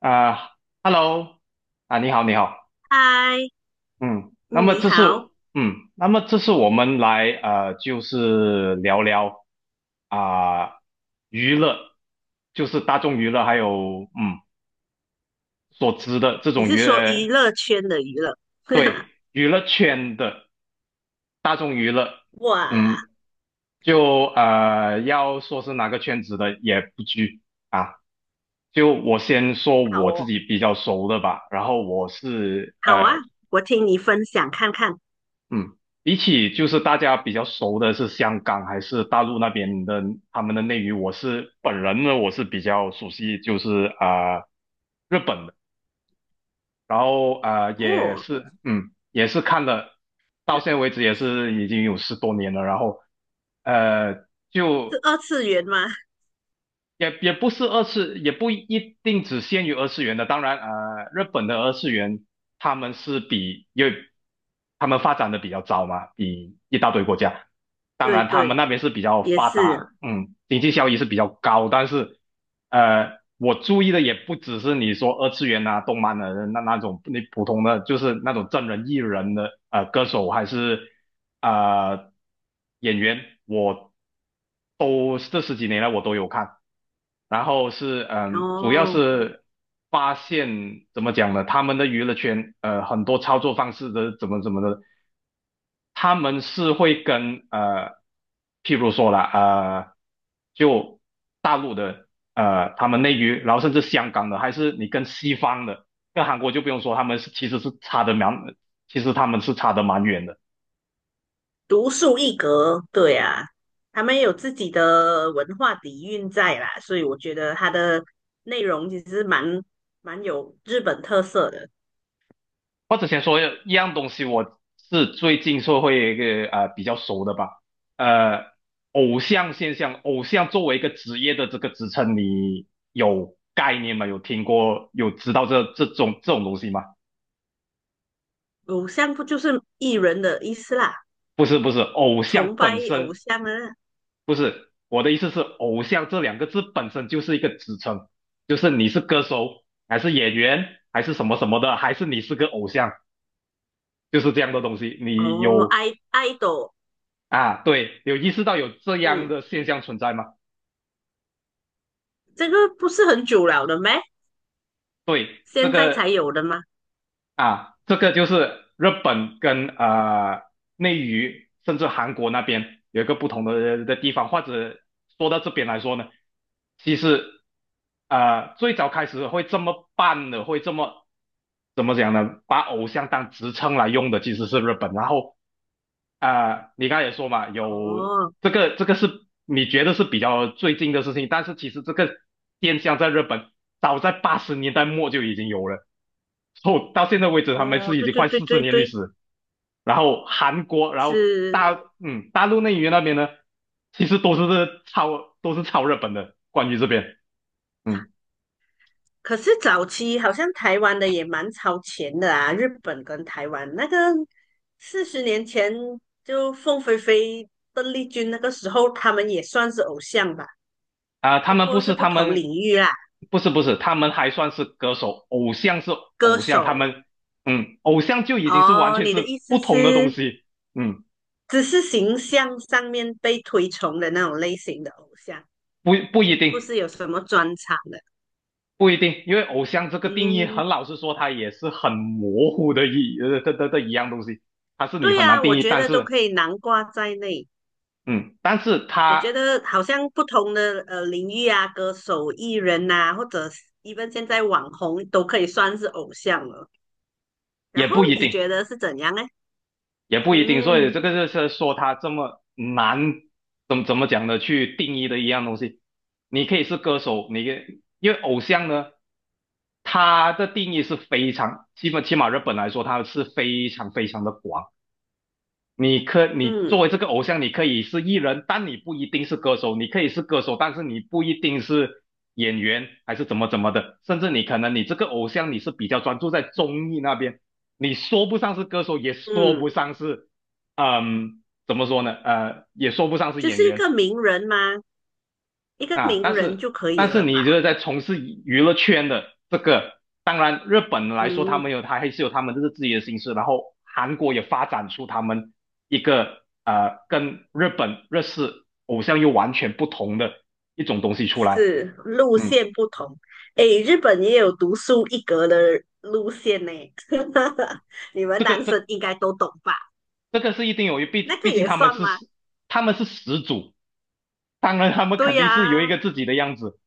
啊，Hello，啊，你好，你好，嗨，嗯，那嗯么你这是，好，嗯，那么这是我们来，就是聊聊啊，娱乐，就是大众娱乐，还有所知的这你种是娱说乐，娱乐圈的娱乐？对，娱乐圈的大众娱乐，哇，嗯，就要说是哪个圈子的也不拘啊。就我先说好我自哦，己比较熟的吧，然后我是好啊，呃我听你分享看看。嗯，比起就是大家比较熟的是香港还是大陆那边的他们的内娱，我是本人呢，我是比较熟悉就是日本的，然后也哦，是嗯也是看了，到现在为止也是已经有十多年了，然后是就二次元吗？也不是二次，也不一定只限于二次元的。当然，日本的二次元他们是比，因为他们发展的比较早嘛，比一大堆国家。当对然，他们对，那边是比较也发是。达，经济效益是比较高。但是，我注意的也不只是你说二次元啊、动漫的那种，你普通的就是那种真人艺人的，歌手还是呃演员，这十几年来我都有看。然后是主要哦，是发现怎么讲呢？他们的娱乐圈很多操作方式的怎么怎么的，他们是会跟譬如说了就大陆的他们内娱，然后甚至香港的，还是你跟西方的，跟韩国就不用说，他们是其实是差的蛮，其实他们是差的蛮远的。独树一格，对啊，他们有自己的文化底蕴在啦，所以我觉得它的内容其实蛮有日本特色的。我之前说一样东西，我是最近社会一个比较熟的吧，呃，偶像现象，偶像作为一个职业的这个职称，你有概念吗？有听过，有知道这种东西吗？偶像不就是艺人的意思啦？不是不是，偶像崇拜本偶身像啊？不是，我的意思是偶像这两个字本身就是一个职称，就是你是歌手还是演员还是什么什么的，还是你是个偶像，就是这样的东西，你哦，有。爱豆，啊，对，有意识到有这样嗯。的现象存在吗？这个不是很久了的咩？对，现在才有的吗？这个就是日本跟内娱，甚至韩国那边有一个不同的地方，或者说到这边来说呢，其实最早开始会这么办的，会这么怎么讲呢？把偶像当职称来用的其实是日本，然后你刚才也说嘛，有哦，这个是你觉得是比较最近的事情，但是其实这个现象在日本早在80年代末就已经有了，后到现在为止他们哦，是已对经对快对四十对年历对，史。然后韩国，然后是。大陆内娱那边呢，其实都是超日本的，关于这边。嗯。可是早期好像台湾的也蛮超前的啊，日本跟台湾那个40年前就凤飞飞、邓丽君那个时候，他们也算是偶像吧，啊、他不们不过是是不他同们，领域啦，不是不是，他们还算是歌手，偶像是歌偶像，他手。们偶像就已经是完哦，全你的是意不思同的东是西，嗯，只是形象上面被推崇的那种类型的偶像，不不一定不是有什么专长的。不一定，因为偶像这个定义，嗯，很老实说，它也是很模糊的一呃的的的一样东西，它是你对很难呀，定我义，觉但得都是可以囊括在内。嗯，但是我觉它得好像不同的领域啊，歌手、艺人呐、或者 even 现在网红都可以算是偶像了。然也后不一你定，觉得是怎样呢？也不一定，所以这嗯个就是说他这么难，怎么讲呢？去定义的一样东西，你可以是歌手，你可以因为偶像呢，他的定义是非常，基本起码日本来说，他是非常非常的广。你作嗯为这个偶像，你可以是艺人，但你不一定是歌手；你可以是歌手，但是你不一定是演员，还是怎么怎么的。甚至你可能你这个偶像你是比较专注在综艺那边，你说不上是歌手，也说嗯，不上是，怎么说呢？也说不上是就演是一个员。名人吗？一个啊，名但人是就可以了你觉吧？得在从事娱乐圈的这个，当然日本来说，嗯，他还是有他们这个自己的形式，然后韩国也发展出他们一个跟日本日式偶像又完全不同的一种东西出来，是路嗯，线不同。诶，日本也有独树一格的路线呢，你们这个男生这应该都懂吧？这个是一定有，那毕个毕竟也他们算是吗？他们是始祖，当然他们对肯定是有一呀、个自己的样子，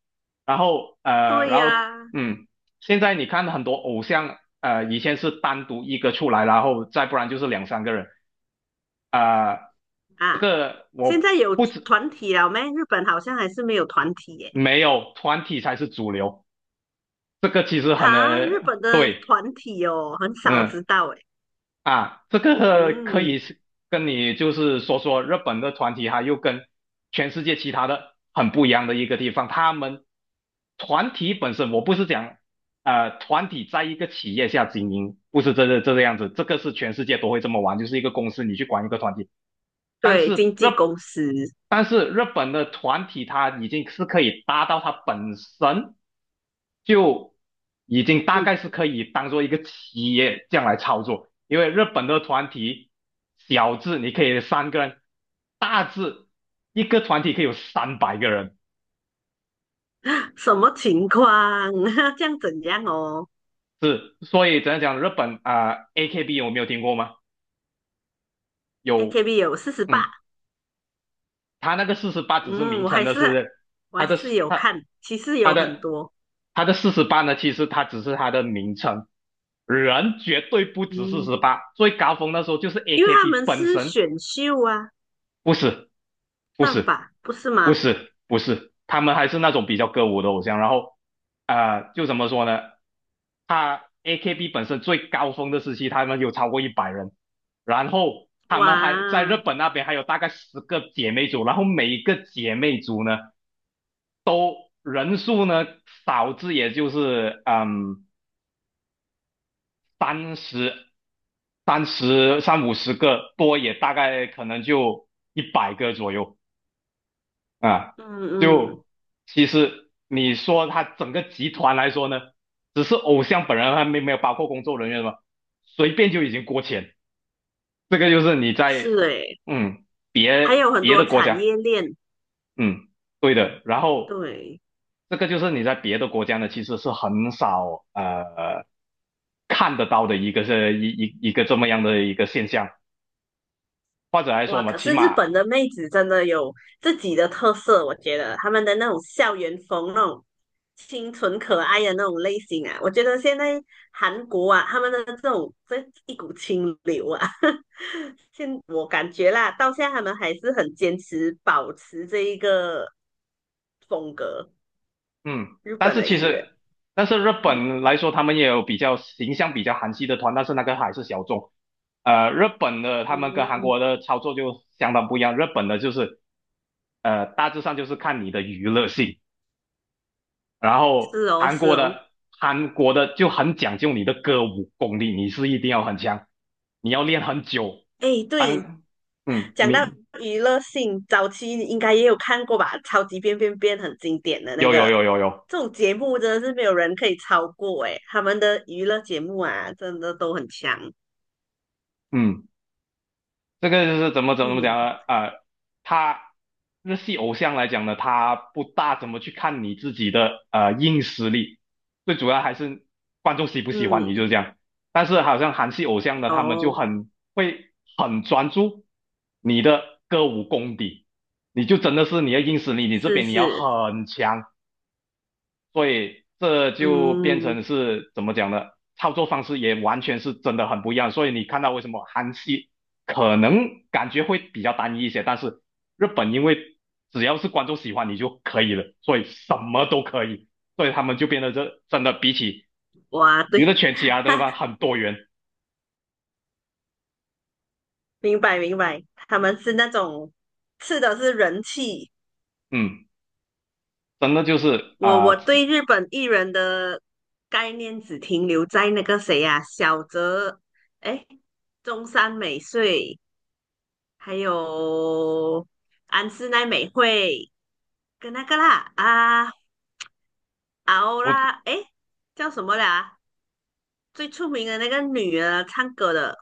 然后对然后呀，嗯，现在你看很多偶像，呃，以前是单独一个出来，然后再不然就是两三个人，啊、这啊，个现我在有团体了没？日本好像还是没有团体耶。没有团体才是主流，这个其实很哈，日本的对，团体哦，很少嗯。知道诶。啊，这个可以嗯，是跟你就是说说日本的团体，哈，又跟全世界其他的很不一样的一个地方。他们团体本身，我不是讲团体在一个企业下经营，不是这个样子，这个是全世界都会这么玩，就是一个公司你去管一个团体，但对，是经日，纪公司，但是日本的团体它已经是可以达到它本身就已经大嗯，概是可以当做一个企业这样来操作，因为日本的团体小字你可以三个人，大字一个团体可以有300个人，什么情况？这样怎样哦是，所以怎样讲，日本啊、AKB 有没有听过吗？有，？AKB 有48，嗯，他那个四十八只是嗯，名我称还的是是我他还的是有他。看，其实他有很的多，他的四十八呢，其实他只是他的名称，人绝对不止四嗯，十八。最高峰那时候就是 因为他 AKB 们本是身，选秀啊，不是不算是吧，不是不吗？是不是，他们还是那种比较歌舞的偶像。然后就怎么说呢？他 AKB 本身最高峰的时期，他们有超过100人，然后他哇，们还在日本那边还有大概十个姐妹组，然后每一个姐妹组呢都人数呢少至也就是三十、三十、三五十个，多也大概可能就100个左右啊。嗯嗯，就其实你说他整个集团来说呢，只是偶像本人还没没有包括工作人员嘛，随便就已经过千。这个就是你是在诶，嗯还别有很别多的国产家，业链。嗯对的。然后对，这个就是你在别的国家呢，其实是很少看得到的一个是一个这么样的一个现象。或者来说哇！嘛，可起是日码本的妹子真的有自己的特色，我觉得她们的那种校园风、那种清纯可爱的那种类型啊，我觉得现在韩国啊，他们的这种这一股清流啊，现我感觉啦，到现在他们还是很坚持保持这一个风格，嗯，日但本是的其艺实，人。但是日本来说，他们也有比较形象比较韩系的团，但是那个还是小众。日本的他们跟韩嗯，国的操作就相当不一样，日本的就是大致上就是看你的娱乐性，然后是哦，是哦，韩国的就很讲究你的歌舞功力，你是一定要很强，你要练很久。哎，对，当讲到你娱乐性，早期你应该也有看过吧，《超级变变变》很经典的那有有个，有有有，这种节目真的是没有人可以超过诶，他们的娱乐节目啊，真的都很强。嗯。这个就是怎么嗯讲呢？他日系偶像来讲呢，他不大怎么去看你自己的硬实力，最主要还是观众喜不喜欢你，就嗯，是这样。但是好像韩系偶像呢，他们就哦，很会很专注你的歌舞功底，你就真的是你的硬实力，你这是边你要是，很强，所以这就变嗯，成是怎么讲呢？操作方式也完全是真的很不一样。所以你看到为什么韩系可能感觉会比较单一一些，但是日本因为只要是观众喜欢你就可以了，所以什么都可以，所以他们就变得这真的比起哇，娱对，乐圈其他 的地哈，方很多元。明白明白，他们是那种吃的是人气。嗯，真的就是我啊、对日本艺人的概念只停留在那个谁呀、啊小泽，哎，中山美穗。还有安室奈美惠跟那个啦啊啊欧我啦，诶，叫什么啦？最出名的那个女的唱歌的，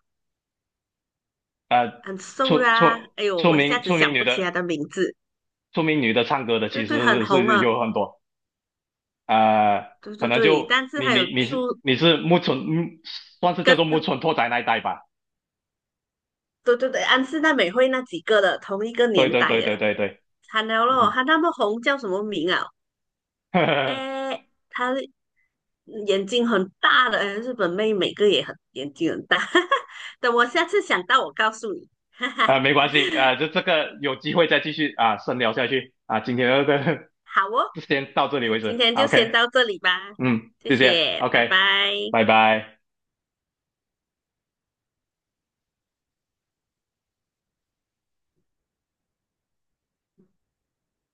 呃很瘦出啦。出哎呦，出我一下名子出名想女不的起她的名字。出名女的唱歌的对其对，很实是红是啊。有很多。呃，对可对能对，就但是还有出你是木村，嗯，算是叫跟做木村拓哉那一代吧。对对对安室奈美惠那几个的同一个对年对代对的，对对对，惨了咯，嗯，她那么红叫什么名啊？呵呵诶，她眼睛很大的，日本妹每个也很眼睛很大。等我下次想到，我告诉你。没关系，就这个有机会再继续啊、深聊下去啊、今天的这个 好哦，先到这里为今止 天就 o 先 k 到这里吧，嗯，谢谢谢谢，拜，OK，拜。拜拜。